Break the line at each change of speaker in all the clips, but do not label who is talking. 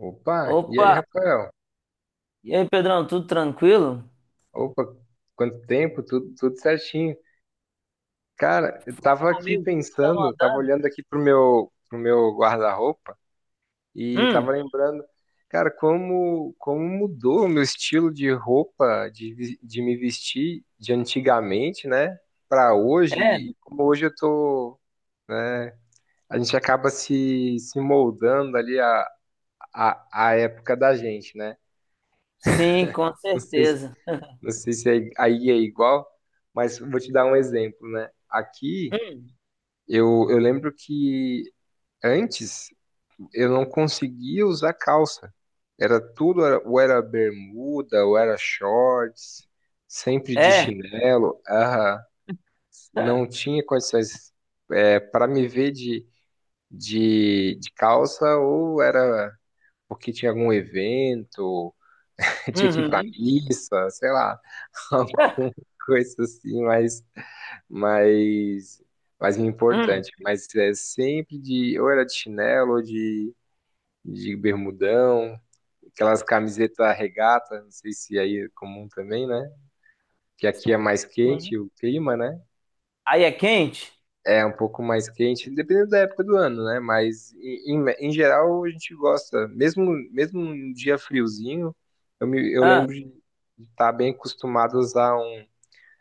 Opa, e aí,
Opa!
Rafael?
E aí, Pedrão, tudo tranquilo?
Opa, quanto tempo, tudo certinho. Cara, eu
Fala
tava aqui
comigo, o que que você tá
pensando, tava
mandando?
olhando aqui pro meu guarda-roupa e tava
Hum,
lembrando, cara, como mudou o meu estilo de roupa, de me vestir de antigamente, né, pra hoje,
é?
e como hoje eu tô, né, a gente acaba se moldando ali à, à época da gente, né?
Sim, com
Não sei
certeza.
Não sei se aí é igual, mas vou te dar um exemplo, né? Aqui,
Hum,
eu lembro que antes eu não conseguia usar calça. Era tudo, ou era bermuda, ou era shorts, sempre de
é?
chinelo. Aham. Não tinha condições para me ver de calça, ou era porque tinha algum evento, tinha que ir para
Uhum.
missa, sei lá, alguma coisa assim, mas Mais
Hum,
importante. Mas é sempre de, ou era de chinelo, ou de bermudão, aquelas camisetas regata, não sei se aí é comum também, né? Que aqui é mais quente
sim.
o clima, né?
Aí é quente?
É um pouco mais quente, dependendo da época do ano, né? Mas em geral a gente gosta, mesmo um dia friozinho, eu
Ah,
lembro de estar bem acostumado a usar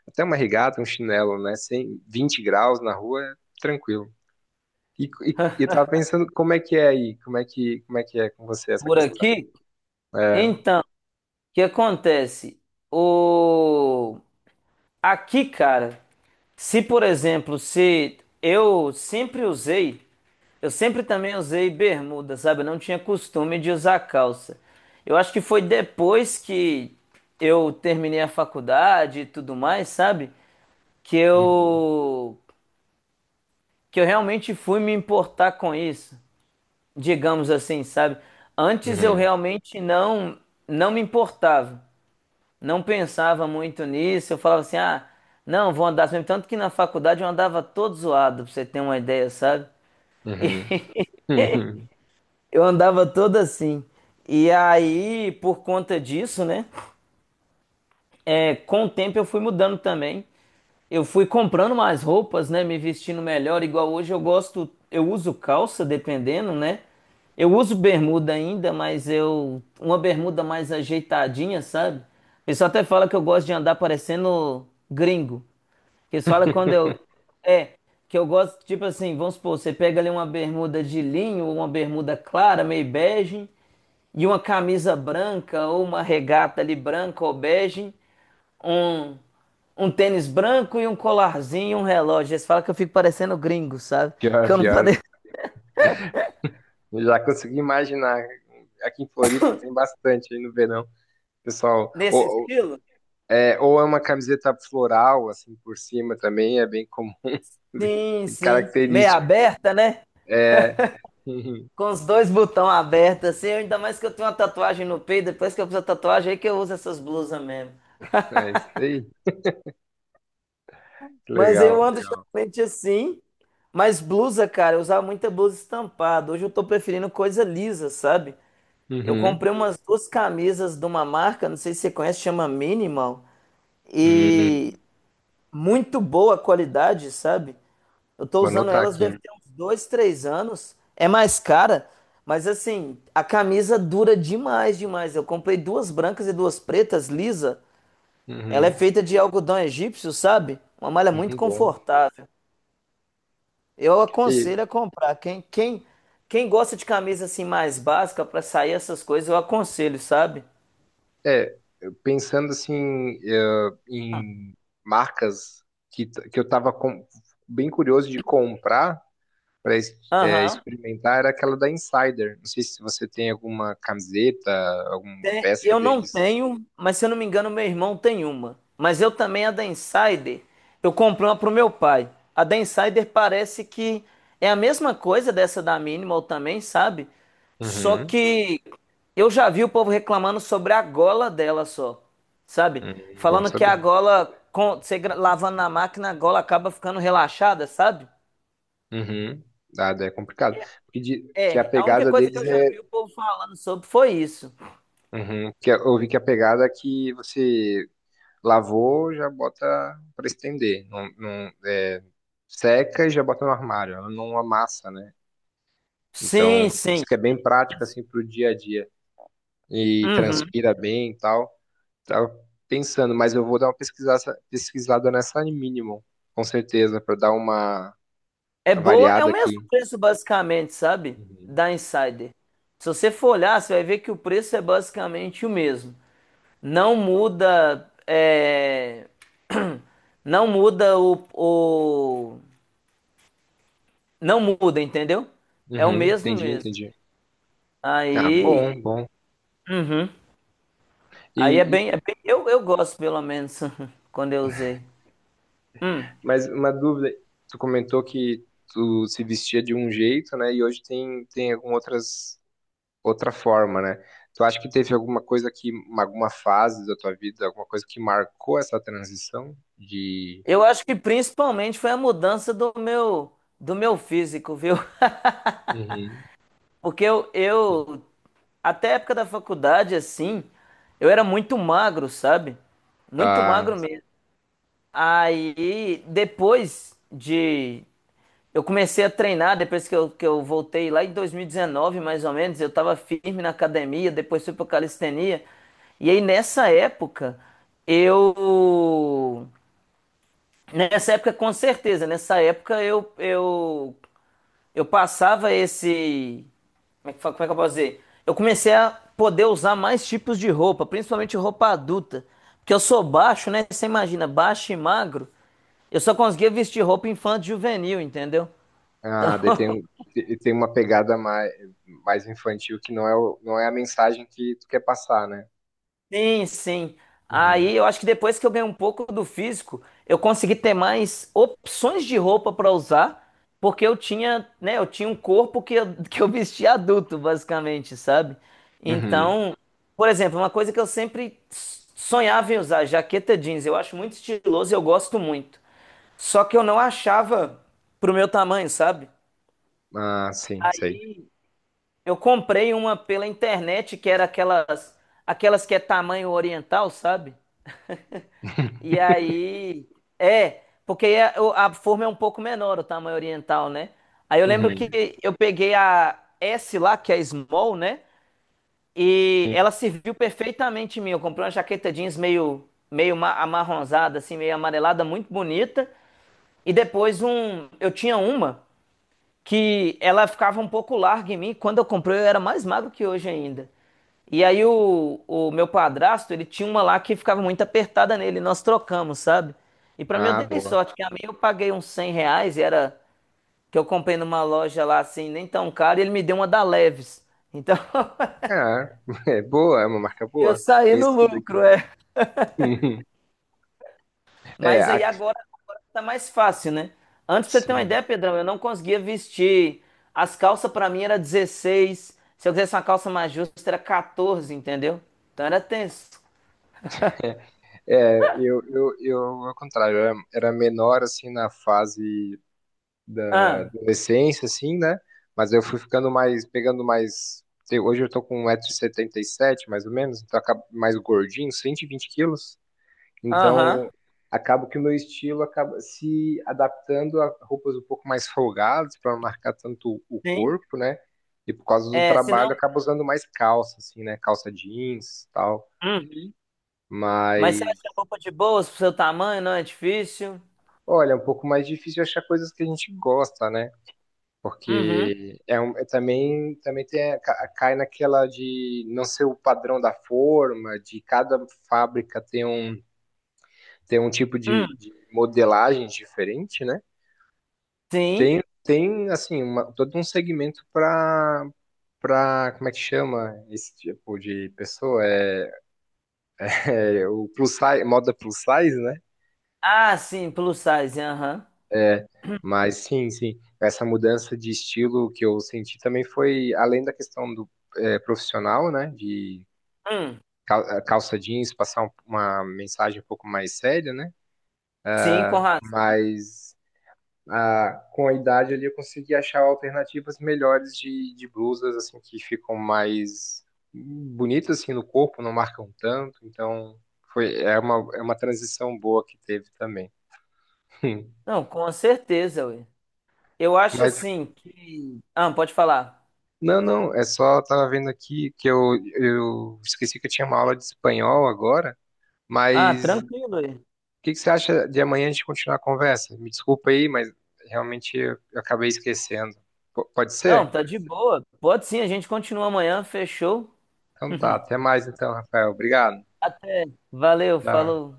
até uma regata, um chinelo, né? Sem 20 graus na rua, é tranquilo. E, e, e eu tava pensando como é que é aí, como é que é com você essa
por
questão.
aqui?
É.
Então, o que acontece? O... Aqui, cara, se por exemplo, se eu sempre usei. Eu sempre também usei bermuda, sabe? Eu não tinha costume de usar calça. Eu acho que foi depois que eu terminei a faculdade e tudo mais, sabe? Que
Uhum.
eu que eu realmente fui me importar com isso, digamos assim, sabe? Antes eu
Uhum.
realmente não me importava, não pensava muito nisso. Eu falava assim: "Ah, não, vou andar assim mesmo." Tanto que na faculdade eu andava todo zoado, pra você ter uma ideia, sabe?
Uhum. Uhum.
Eu andava toda assim. E aí, por conta disso, né? É, com o tempo eu fui mudando também. Eu fui comprando mais roupas, né? Me vestindo melhor. Igual hoje eu gosto, eu uso calça, dependendo, né? Eu uso bermuda ainda, mas eu, uma bermuda mais ajeitadinha, sabe? O pessoal até fala que eu gosto de andar parecendo gringo. Eles falam quando eu. É, que eu gosto, tipo assim, vamos supor, você pega ali uma bermuda de linho, uma bermuda clara, meio bege. E uma camisa branca ou uma regata ali branca ou bege, um, um tênis branco e um colarzinho e um relógio. Eles falam que eu fico parecendo gringo, sabe?
Pior,
Que eu não
pior.
pareço
Eu já consegui imaginar. Aqui em Floripa tem bastante aí no verão. Pessoal,
nesse estilo.
ou é uma camiseta floral, assim, por cima também, é bem comum, bem,
Sim,
bem
sim. Meia
característico.
aberta, né?
Uhum.
Com os dois botões abertos, assim. Ainda mais que eu tenho uma tatuagem no peito. Depois que eu fiz a tatuagem, aí que eu uso essas blusas mesmo.
É isso aí. Que
Mas
legal,
eu ando
legal.
geralmente assim. Mas blusa, cara, eu usava muita blusa estampada. Hoje eu tô preferindo coisa lisa, sabe? Eu
Uhum.
comprei umas duas camisas de uma marca, não sei se você conhece, chama Minimal. E
Hum,
muito boa qualidade, sabe? Eu tô
Vou
usando
anotar
elas deve
aqui.
ter uns dois, três anos. É mais cara, mas assim, a camisa dura demais, demais. Eu comprei duas brancas e duas pretas, lisa. Ela é
Uhum.
feita de algodão egípcio, sabe? Uma malha muito
Uhum, bom.
confortável. Eu
E,
aconselho a comprar. Quem gosta de camisa assim mais básica para sair essas coisas, eu aconselho, sabe?
é, Pensando assim, em marcas que eu estava bem curioso de comprar para
Aham.
experimentar era aquela da Insider. Não sei se você tem alguma camiseta, alguma peça
Eu não
deles.
tenho, mas se eu não me engano, meu irmão tem uma. Mas eu também, a da Insider, eu comprei uma pro meu pai. A da Insider parece que é a mesma coisa dessa da Minimal também, sabe? Só
Uhum,
que eu já vi o povo reclamando sobre a gola dela só, sabe?
uhum, bom
Falando que a
saber.
gola, com, você lavando na máquina, a gola acaba ficando relaxada, sabe?
Uhum. Ah, daí é complicado. Porque que a
É, a única
pegada
coisa que
deles
eu já
é.
vi o povo falando sobre foi isso.
Uhum, eu vi que a pegada é que você lavou, já bota para estender. Não, não, seca e já bota no armário. Ela não amassa, né?
Sim,
Então,
sim.
isso que é bem prático assim para o dia a dia e
Uhum.
transpira bem e tal. Tava pensando, mas eu vou dar uma pesquisada nessa Minimum, com certeza, para dar uma
É boa, é o
variada
mesmo
aqui.
preço basicamente, sabe?
Uhum.
Da Insider. Se você for olhar, você vai ver que o preço é basicamente o mesmo. Não muda, é, não muda o, o- não muda, entendeu? É o
Uhum,
mesmo
entendi,
mesmo.
entendi. Ah,
Aí,
bom, bom.
uhum.
E,
Aí é
e
bem- eu gosto pelo menos quando eu usei. Hum.
mas uma dúvida, tu comentou que tu se vestia de um jeito, né? E hoje tem algumas outra forma, né? Tu acha que teve alguma coisa que, alguma fase da tua vida, alguma coisa que marcou essa transição de.
Eu acho que principalmente foi a mudança do meu físico, viu?
Uhum.
Porque até a época da faculdade, assim, eu era muito magro, sabe? Muito
da,
magro mesmo. Aí, depois de. Eu comecei a treinar, depois que eu voltei lá em 2019, mais ou menos, eu tava firme na academia, depois fui pra calistenia. E aí, nessa época, eu. Nessa época, com certeza, nessa época eu passava esse. Como é que, como é que eu posso dizer? Eu comecei a poder usar mais tipos de roupa, principalmente roupa adulta. Porque eu sou baixo, né? Você imagina, baixo e magro. Eu só conseguia vestir roupa infanto-juvenil, entendeu? Então,
ah, daí tem, e tem uma pegada mais infantil que não é a mensagem que tu quer passar, né?
sim, sim.
Uhum.
Aí eu acho que depois que eu ganhei um pouco do físico, eu consegui ter mais opções de roupa para usar, porque eu tinha, né, eu tinha um corpo que eu, que eu vestia adulto, basicamente, sabe?
Uhum.
Então, por exemplo, uma coisa que eu sempre sonhava em usar, jaqueta jeans, eu acho muito estiloso e eu gosto muito. Só que eu não achava pro meu tamanho, sabe?
Ah, sim, sei.
Aí eu comprei uma pela internet que era aquelas que é tamanho oriental, sabe? E aí, é, porque a forma é um pouco menor, o tamanho oriental, né? Aí eu lembro
Uhum.
que eu peguei a S lá, que é small, né? E
Sim.
ela serviu perfeitamente em mim. Eu comprei uma jaqueta jeans meio amarronzada, assim, meio amarelada, muito bonita. E depois um, eu tinha uma que ela ficava um pouco larga em mim. Quando eu comprei, eu era mais magro que hoje ainda. E aí o meu padrasto, ele tinha uma lá que ficava muito apertada nele, nós trocamos, sabe? E pra mim eu
Ah,
dei
boa.
sorte, que a minha eu paguei uns R$ 100, e era que eu comprei numa loja lá assim, nem tão cara, e ele me deu uma da Leves. Então
É, é boa, é uma marca
eu
boa,
saí no
conhecida aqui.
lucro, é.
Uhum. É,
Mas aí agora, agora tá mais fácil, né? Antes, pra você ter uma
sim.
ideia, Pedrão, eu não conseguia vestir. As calças pra mim era 16. Se eu quisesse uma calça mais justa, era 14, entendeu? Então era tenso.
É, eu, ao contrário, eu era menor, assim, na fase da
Ah,
adolescência, assim, né? Mas eu fui ficando mais, pegando mais. Hoje eu tô com 1,77 m mais ou menos, então acabo mais gordinho, 120 quilos.
aham.
Então, acabo que o meu estilo acaba se adaptando a roupas um pouco mais folgadas, para não marcar tanto o
Sim.
corpo, né? E por causa do
É,
trabalho, eu
senão.
acabo usando mais calça, assim, né? Calça jeans e tal.
Uhum. Mas você
Mas,
acha roupa de boas pro seu tamanho, não é difícil?
olha, é um pouco mais difícil achar coisas que a gente gosta, né?
Uhum.
Porque é também tem, cai naquela de não ser o padrão da forma, de cada fábrica ter um tipo de,
Hum.
de modelagem diferente, né?
Sim.
Tem assim, todo um segmento para, como é que chama esse tipo de pessoa? É o plus size, moda plus size, né?
Ah, sim, plus size, aham.
Mas sim, sim, essa mudança de estilo que eu senti também foi além da questão do profissional, né, de
Hum.
calça jeans, passar uma mensagem um pouco mais séria, né,
Sim, com razão.
mas ah, com a idade ali eu consegui achar alternativas melhores de blusas, assim, que ficam mais bonitas, assim, no corpo, não marcam tanto, então é uma transição boa que teve também.
Não, com certeza, ué. Eu acho
Mas
assim que. Ah, pode falar.
Não, não, é só eu tava vendo aqui que eu esqueci que eu tinha uma aula de espanhol agora,
Ah,
mas o
tranquilo aí.
que que você acha de amanhã a gente continuar a conversa? Me desculpa aí, mas realmente eu acabei esquecendo. Pode
Não,
ser?
tá de boa. Pode sim, a gente continua amanhã. Fechou?
Então tá, até mais então, Rafael. Obrigado.
Até. Valeu,
Tchau.
falou.